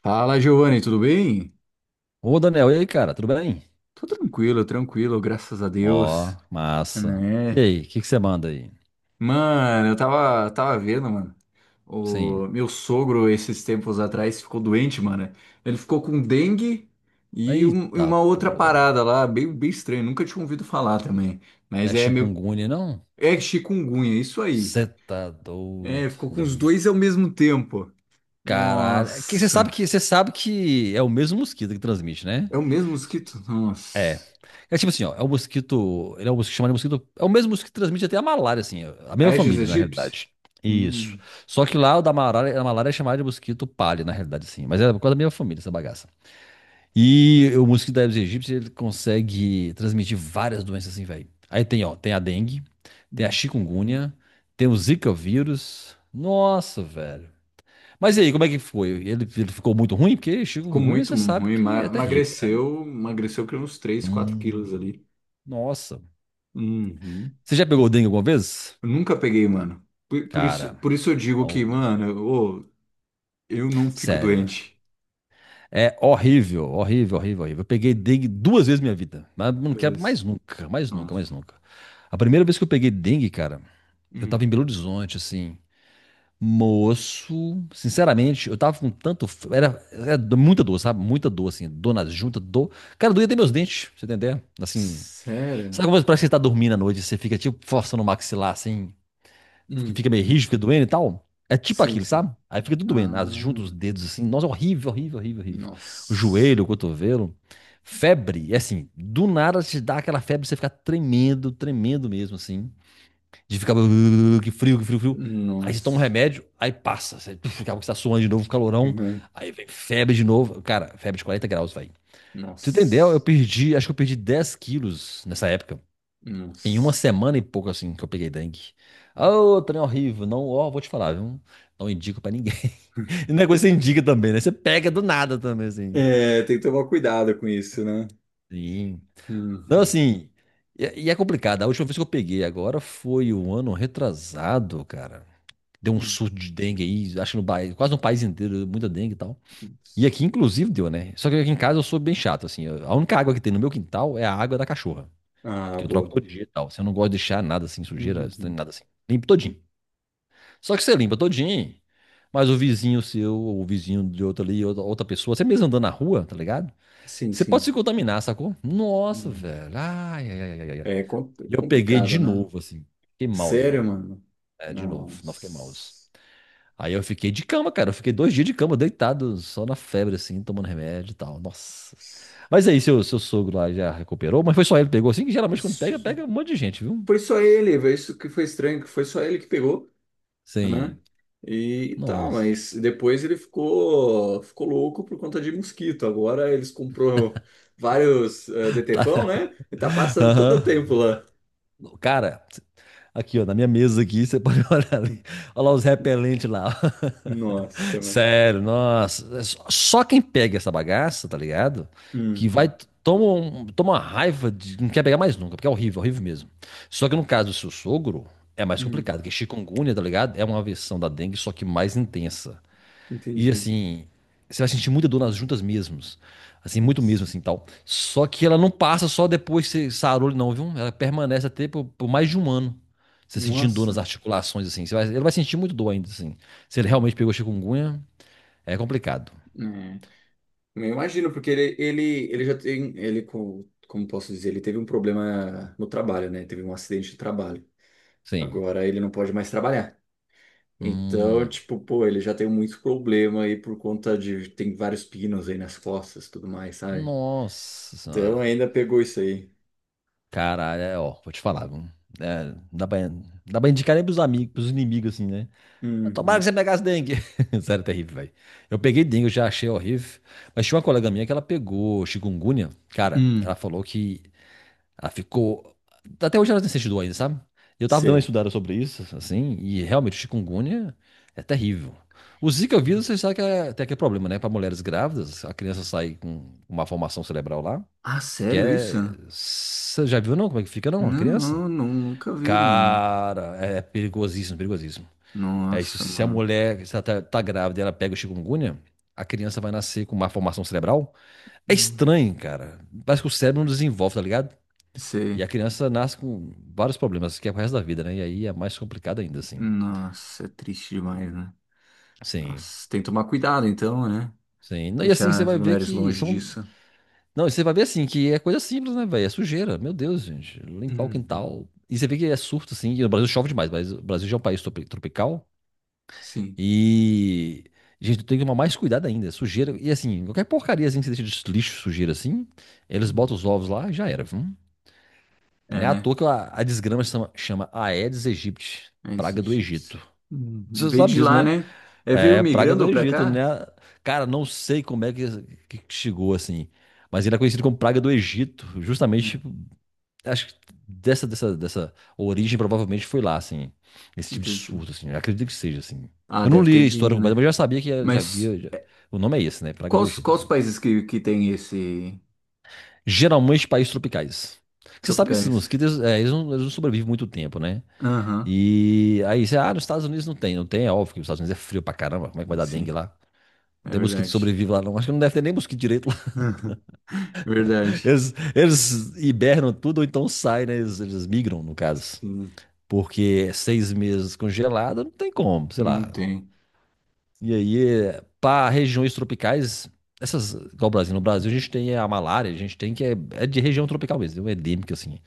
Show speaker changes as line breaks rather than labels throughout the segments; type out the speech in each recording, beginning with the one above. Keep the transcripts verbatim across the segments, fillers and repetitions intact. Fala, Giovanni, tudo bem?
Ô, Daniel, e aí, cara, tudo bem?
Tô tranquilo, tranquilo, graças a
Ó,
Deus,
massa. E
né?
aí, o que que você manda aí?
Mano, eu tava, tava vendo, mano.
Sim.
O meu sogro, esses tempos atrás, ficou doente, mano. Ele ficou com dengue e, um- e
Eita,
uma outra
porra.
parada lá, bem, bem estranho. Nunca tinha ouvido falar também.
Não
Mas
é
é meu.
chikungunya, não?
É chikungunya, isso aí.
Você tá doido.
É, ficou com os dois ao mesmo tempo.
Caralho. É que você sabe
Nossa.
que você sabe que é o mesmo mosquito que transmite, né?
É o mesmo mosquito?
É.
Nossa.
É tipo assim, ó, é o mosquito, ele é um mosquito chamado mosquito, é o mesmo mosquito que transmite até a malária, assim, a mesma
Aedes
família, na
aegypti?
realidade. Isso.
Hum.
Só que lá o da malária, a malária é chamada de mosquito palha, na realidade, assim, mas é por causa da mesma família, essa bagaça. E o mosquito da Aedes aegypti, ele consegue transmitir várias doenças assim, velho. Aí tem, ó, tem a dengue, tem a
Hum.
chikungunya, tem o Zika vírus. Nossa, velho. Mas e aí, como é que foi? Ele, ele ficou muito ruim? Porque
Ficou
chikungunya,
muito
você sabe
ruim,
que
ma-
é terrível, né?
emagreceu, emagreceu que uns três, quatro quilos
Hum,
ali.
nossa.
Uhum.
Você já pegou dengue alguma vez?
Eu nunca peguei, mano. Por, por isso,
Cara,
por isso eu digo
ó,
que, mano, ô, eu não fico
sério.
doente.
É horrível, horrível, horrível, horrível. Eu peguei dengue duas vezes na minha vida. Mas não
Meu
quero mais
Deus.
nunca, mais nunca,
Nossa.
mais nunca. A primeira vez que eu peguei dengue, cara, eu tava
Hum.
em Belo Horizonte, assim. Moço, sinceramente, eu tava com tanto. f- Era, era do- muita dor, sabe? Muita dor, assim. Dor nas juntas, dor. Cara, doía até meus dentes, pra você entender? Assim.
Sério?
Sabe como parece que você tá dormindo à noite e você fica, tipo, forçando o maxilar, assim. Que
Hum.
Fica meio rígido, fica doendo e tal. É tipo
Sim,
aquilo,
sim.
sabe? Aí fica tudo doendo. As
Ah,
juntas, os dedos, assim. Nossa, horrível, horrível, horrível, horrível. O
nossa.
joelho, o cotovelo. Febre, é assim. Do nada te dá aquela febre, você fica tremendo, tremendo mesmo, assim. De ficar que frio, que frio, frio. Aí você toma um
Nossa.
remédio, aí passa. Você fica, você tá suando de novo, calorão.
Uhum.
Aí vem febre de novo. Cara, febre de quarenta graus, velho. Pra você entender, eu
Nossa.
perdi, acho que eu perdi dez quilos nessa época. Em uma
Nossa.
semana e pouco, assim, que eu peguei dengue. Ô, trem é horrível. Não, ó, vou te falar, viu? Não indico pra ninguém. E não é coisa que você indica também, né? Você pega do nada também, assim.
É, tem que tomar cuidado com isso, né?
Sim. Não,
Uhum.
assim. E, e é complicado. A última vez que eu peguei agora foi o ano retrasado, cara. Deu um
Uhum.
surto de dengue aí, acho que no país, quase no país inteiro, muita dengue e tal. E aqui, inclusive, deu, né? Só que aqui em casa eu sou bem chato, assim. eu- A única água que tem no meu quintal é a água da cachorra,
Ah,
que eu troco
boa.
todo dia e tal. Você não gosta de deixar nada assim, sujeira,
Uhum.
estranho, nada assim. Limpo todinho. Só que você limpa todinho, mas o vizinho seu, ou o vizinho de outro ali, outra, outra pessoa, você mesmo andando na rua, tá ligado?
Sim,
Você pode se
sim.
contaminar, sacou? Nossa,
Hum.
velho. Ai, ai, ai, ai, ai.
É com-
E eu peguei de
complicado, né?
novo, assim. Fiquei mouse,
Sério,
mouse.
mano.
É, de novo. Não fiquei mouse.
Nossa.
Aí eu fiquei de cama, cara. Eu fiquei dois dias de cama, deitado, só na febre, assim, tomando remédio e tal. Nossa. Mas aí, seu, seu sogro lá já recuperou, mas foi só ele que pegou assim, que geralmente quando pega, pega um monte de gente, viu?
Foi só ele, velho. Isso que foi estranho, que foi só ele que pegou, né?
Sim.
E, tal,
Nossa.
mas depois ele ficou, ficou louco por conta de mosquito. Agora eles comprou vários eh,
Tá.
detefão, né? E tá passando todo o
Aham.
tempo lá.
Cara, aqui, ó, na minha mesa aqui, você pode olhar ali. Olha lá os repelentes lá.
Nossa, mano.
Sério, nossa. É só- Só quem pega essa bagaça, tá ligado? Que vai.
Uhum.
Toma, um- toma uma raiva de. Não quer pegar mais nunca, porque é horrível, horrível mesmo. Só que no caso do seu sogro, é mais
Hum,
complicado, porque chikungunya, tá ligado? É uma versão da dengue, só que mais intensa. E
entendi.
assim, você vai sentir muita dor nas juntas mesmos. Assim, muito mesmo,
Nossa.
assim, tal. Só que ela não passa só depois que você sarou, não, viu? Ela permanece até por, por mais de um ano. Você sentindo dor nas
Nossa.
articulações, assim. Você vai- ele vai sentir muito dor ainda, assim. Se ele
Hum,
realmente pegou chikungunya, é complicado.
é. Eu imagino, porque ele, ele, ele já tem, ele, co- como posso dizer, ele teve um problema no trabalho, né? Teve um acidente de trabalho.
Sim.
Agora ele não pode mais trabalhar. Então,
Hum,
tipo, pô, ele já tem muito problema aí por conta de, tem vários pinos aí nas costas, e tudo mais, sabe?
nossa
Então
senhora.
ainda pegou isso aí.
Caralho, é, ó, vou te falar, viu? É, dá pra, dá pra indicar nem pros amigos, pros inimigos, assim, né? Mas tomara que
Uhum,
você pegasse dengue. Sério, é terrível, velho. Eu peguei dengue, eu já achei horrível. Mas tinha uma colega minha que ela pegou chikungunya. Cara, ela
Hum.
falou que ela ficou. Até hoje ela tem esse estudou ainda, sabe? Eu tava dando uma
Sei.
estudada sobre isso, assim, e realmente o chikungunya é terrível. O Zika vírus, vocês sabem que é, tem aquele problema, né? Para mulheres grávidas, a criança sai com uma formação cerebral lá,
Ah,
que
sério
é.
isso?
Você já viu, não? Como é que fica, não? A
Não,
criança?
não, nunca vi, mano.
Cara, é perigosíssimo, perigosíssimo. É isso.
Nossa,
Se a
mano.
mulher, se ela tá, tá grávida e ela pega o chikungunya, a criança vai nascer com uma formação cerebral. É
Nossa.
estranho, cara. Parece que o cérebro não desenvolve, tá ligado? E
Sei.
a criança nasce com vários problemas, que é pro resto da vida, né? E aí é mais complicado ainda, assim.
Nossa, é triste demais, né?
Sim,
Nossa, tem que tomar cuidado então, né?
sim. Não, e assim,
Deixar
você
as
vai ver
mulheres
que
longe
são.
disso.
Não, e você vai ver assim, que é coisa simples, né, velho? É sujeira. Meu Deus, gente. Limpar o
Uhum.
quintal. E você vê que é surto, assim. E no Brasil chove demais, mas o Brasil já é um país tropi- tropical.
Sim.
E. Gente, tem que tomar mais cuidado ainda. É sujeira. E assim, qualquer porcaria assim que você deixa de lixo, sujeira assim, eles
Uhum.
botam os ovos lá e já era, viu?
É,
Não é à
né?
toa que a, a desgrama chama, chama Aedes aegypti, praga do
Relationships.
Egito.
Uhum.
Você
Veio
sabe
de
disso,
lá,
né?
né? É, veio
É, praga do
migrando pra
Egito, né?
cá?
Cara, não sei como é que, que chegou assim, mas ele é conhecido como praga do Egito, justamente,
Né?
tipo, acho que dessa, dessa, dessa origem provavelmente foi lá, assim, esse tipo de
Entendi.
surto, assim, eu acredito que seja, assim.
Ah,
Eu não
deve ter
li a história
vindo,
completa, mas
né?
eu já sabia que já
Mas
havia, já- o nome é esse, né? Praga do
quais,
Egito,
quais
assim.
países que, que tem esse
Geralmente países tropicais. Você sabe que esses
tropicais?
mosquitos, é, eles não, eles não sobrevivem muito tempo, né?
Aham,
E aí você, ah, nos Estados Unidos não tem, não tem, é óbvio que os Estados Unidos é frio pra caramba, como é que vai dar dengue
sim,
lá? Não
é
tem mosquito que
verdade.
sobrevive lá, não. Acho que não deve ter nem mosquito direito lá.
Verdade.
Eles, eles hibernam tudo, ou então saem, né? Eles, eles migram, no caso.
Sim,
Porque é seis meses congelado, não tem como, sei
não
lá.
tem.
E aí, para regiões tropicais, essas, igual o Brasil, no Brasil a gente tem a malária, a gente tem que é, é de região tropical mesmo, é endêmica assim.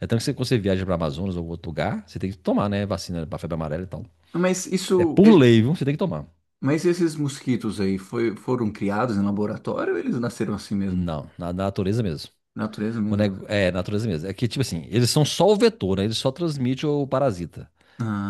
É tanto que você, quando você viaja para Amazonas ou outro lugar, você tem que tomar, né? Vacina para febre amarela e tal.
Mas
É
isso,
por lei, viu? Você tem que tomar.
mas esses mosquitos aí foi, foram criados em laboratório ou eles nasceram assim mesmo?
Não, na na natureza mesmo.
Natureza
O
mesmo.
nego- É, natureza mesmo. É que, tipo assim, eles são só o vetor, né? Eles só transmitem o parasita.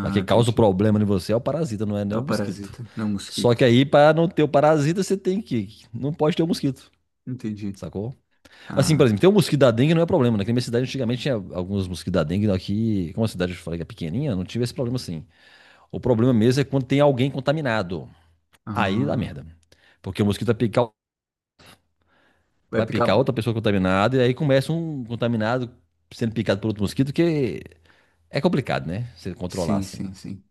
Mas quem causa o
entendi.
problema em você é o parasita, não é
É
nem
o
o mosquito.
parasita, não é o
Só que
mosquito.
aí, para não ter o parasita, você tem que. Não pode ter o mosquito,
Entendi.
sacou? Assim, por
Ah,
exemplo, ter o mosquito da dengue não é problema, né? que Na minha cidade, antigamente, tinha alguns mosquitos da dengue. Aqui, como a cidade eu falei que é pequenininha, não tive esse problema assim. O problema mesmo é quando tem alguém contaminado. Aí dá
ah.
merda. Porque o mosquito vai picar,
Vai
vai
picar.
picar outra pessoa contaminada, e aí começa um contaminado sendo picado por outro mosquito, que é complicado, né? Você controlar
Sim,
assim.
sim, sim.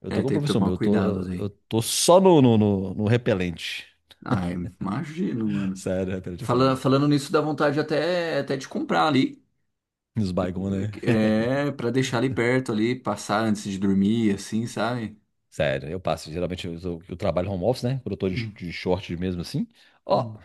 Eu tô
É,
com um
tem que
professor
tomar
meu, eu tô,
cuidado
eu
aí.
tô só no, no, no, no repelente.
Ai, imagino, mano.
Sério, repelente é
Fala,
foda.
falando nisso, dá vontade até, até de comprar ali.
Nos baigons, né?
É, pra deixar ali perto ali, passar antes de dormir, assim, sabe?
Sério, eu passo. Geralmente eu, eu- eu trabalho home office, né? Quando eu tô de,
Hum,
de short mesmo assim. Ó,
hum.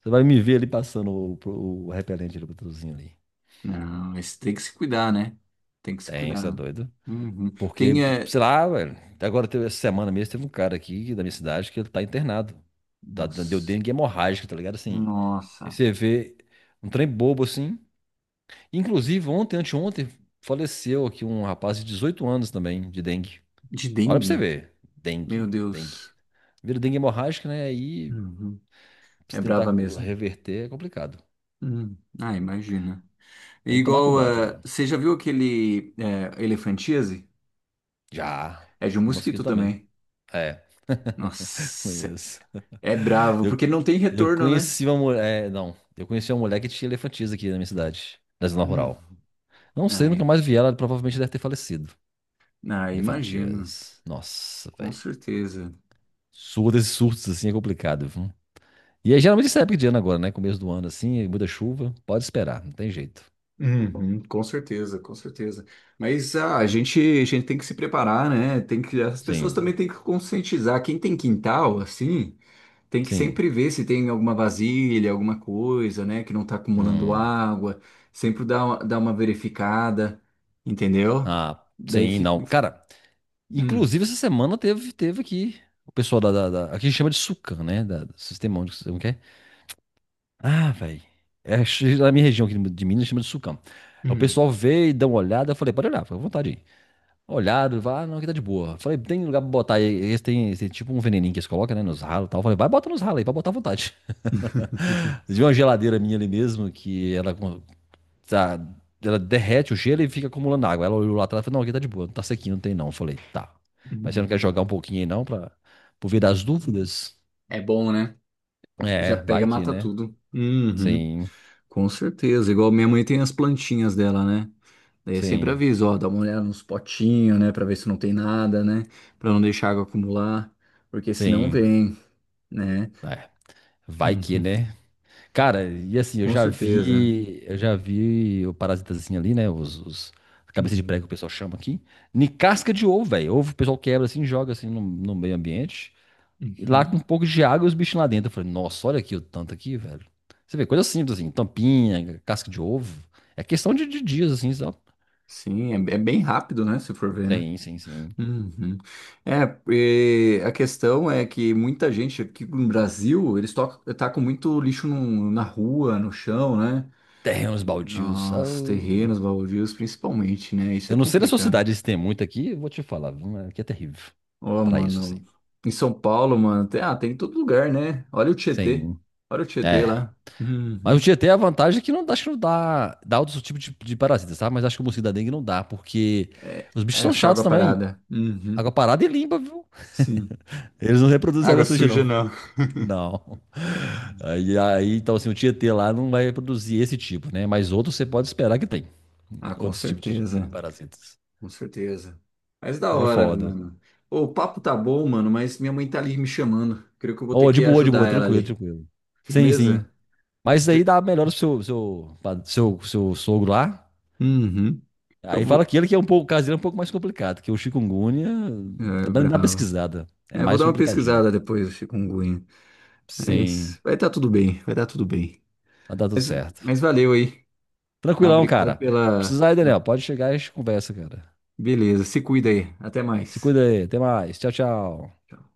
você vai me ver ali passando o, o repelente ali, o patrocinho ali.
Não, esse tem que se cuidar, né? Tem que se
Tem, isso é
cuidar.
doido.
Uhum.
Porque,
Tem, é...
sei lá, velho. Até agora, teve- essa semana mesmo, teve um cara aqui da minha cidade que ele tá internado. Tá, deu
Nossa.
dengue hemorrágica, tá ligado? Assim. Aí
Nossa.
você vê um trem bobo assim. Inclusive, ontem, anteontem, faleceu aqui um rapaz de dezoito anos também, de dengue.
De
Olha pra você
dengue?
ver.
Meu
Dengue, dengue.
Deus.
Vira dengue hemorrágica, né? Aí,
Uhum.
se
É
tentar
brava mesmo.
reverter, é complicado.
Uhum. Ah, imagina. E
Tem que tomar
igual,
cuidado,
eh,
cara.
você já viu aquele eh, Elefantíase?
Já.
É de um
O
mosquito
mosquito também.
também.
É,
Nossa,
conheço.
é bravo,
Eu,
porque não tem
eu
retorno, né?
conheci uma mulher. É, não, eu conheci uma mulher que tinha elefantias aqui na minha cidade, na zona
Hum.
rural. Não sei, nunca
Ai,
mais vi ela, provavelmente deve ter falecido.
ah, imagino,
Elefantias. Nossa,
com
velho.
certeza.
Surdos e surtos assim é complicado, e é geralmente essa época de ano agora, né? Começo do ano, assim, muda chuva. Pode esperar, não tem jeito.
Uhum, com certeza, com certeza. Mas ah, a gente, a gente tem que se preparar, né? Tem que, as pessoas
Sim,
também têm que conscientizar. Quem tem quintal, assim. Tem que
sim.
sempre ver se tem alguma vasilha, alguma coisa, né, que não tá acumulando
Hum.
água. Sempre dá uma, dá uma verificada, entendeu?
Ah,
Daí
sim, não.
fica.
Cara,
Hum,
inclusive essa semana teve, teve aqui o pessoal da, da, da. Aqui a gente chama de Sucam, né? Da, do Sistema Único, como que é? Ah, velho. É, ch- na minha região aqui de Minas chama de Sucam. Aí o
hum,
pessoal veio, dá uma olhada, eu falei, pode olhar, fica à vontade aí. Olhado, vai, ah, não, aqui tá de boa. Falei, tem lugar pra botar aí, esse tem, esse tem tipo um veneninho que eles colocam, né, nos ralos e tal. Falei, vai, bota nos ralos aí, pode botar à vontade. Vocês viram uma geladeira minha ali mesmo, que ela, tá, ela derrete o gelo e fica acumulando água. Ela olhou lá atrás e falou, não, aqui tá de boa, não tá sequinho, não tem não. Eu falei, tá. Mas você não quer
hum.
jogar um pouquinho aí não, pra, por via das dúvidas?
É bom, né? Já
É,
pega,
vai que,
mata
né?
tudo. Uhum.
Sim,
Com certeza. Igual minha mãe tem as plantinhas dela, né? Daí eu sempre
sim,
aviso, ó, dá uma olhada nos potinhos, né, pra ver se não tem nada, né, pra não deixar a água acumular, porque senão
sim.
vem, né?
É, vai que,
Uhum.
né? Cara, e assim, eu
Com
já
certeza.
vi, eu já vi o parasitazinho ali, né? Os, os cabeça de prego que o
Uhum.
pessoal chama aqui. Em casca de ovo, velho. Ovo o pessoal quebra assim, joga assim no, no meio ambiente. E lá com um
Uhum.
pouco de água e os bichinhos lá dentro. Eu falei, nossa, olha aqui o tanto aqui, velho. Você vê, coisa simples assim, tampinha, casca de ovo. É questão de, de dias, assim, sabe?
Sim, é, é bem rápido, né? Se for ver, né?
Sim, sim, sim.
Uhum. É, e a questão é que muita gente aqui no Brasil, eles tocam, tá com muito lixo no- na rua, no chão, né?
Terrenos baldios.
Nos
Oh.
terrenos, baldios, principalmente, né? Isso é
Eu não sei da sua
complicado.
cidade se tem muito aqui, eu vou te falar, viu? Mas aqui é terrível.
Ó,
Pra isso, assim.
mano, em São Paulo, mano, tem, ah, tem em todo lugar, né? Olha o Tietê.
Sim.
Olha o Tietê
É.
lá.
Mas o
Uhum.
Tietê, a vantagem é que não, dá, acho que não dá, dá outros tipos de, de parasitas, sabe? Mas acho que o mosquito da dengue não dá, porque
É,
os bichos
é
são
só
chatos
água
também.
parada. Uhum.
Água parada e limpa, viu?
Sim.
Eles não reproduzem
Água
água suja,
suja,
não.
não.
Não. Aí, aí, então, assim, o Tietê lá não vai produzir esse tipo, né? Mas outros você pode esperar que tem.
Ah, com
Outros tipos de
certeza.
parasitas.
Com certeza. Mas da
É
hora,
foda.
mano. Ô, o papo tá bom, mano, mas minha mãe tá ali me chamando. Creio que eu vou ter
Ô, de
que
boa, de boa,
ajudar ela
tranquilo,
ali.
tranquilo. Sim, sim.
Firmeza?
Mas isso aí
Ge-
dá melhor pro seu, seu, pa- seu, seu sogro lá.
Uhum. Eu
Aí fala
vou.
que ele que é um pouco, o caso dele é um pouco mais complicado, que o chikungunya
É,
dá dá uma
bravo.
pesquisada. É
É, vou
mais
dar uma
complicadinho, né?
pesquisada depois do chikungunya.
Sim,
Mas vai tá tudo bem, vai dar tudo bem.
mas dá tudo
Mas,
certo.
mas valeu aí. Tá?
Tranquilão,
Obrigado
cara.
pela.
Precisar aí, Daniel, pode chegar e a gente conversa, cara.
Beleza, se cuida aí. Até
Se
mais.
cuida aí. Até mais. Tchau, tchau.
Tchau.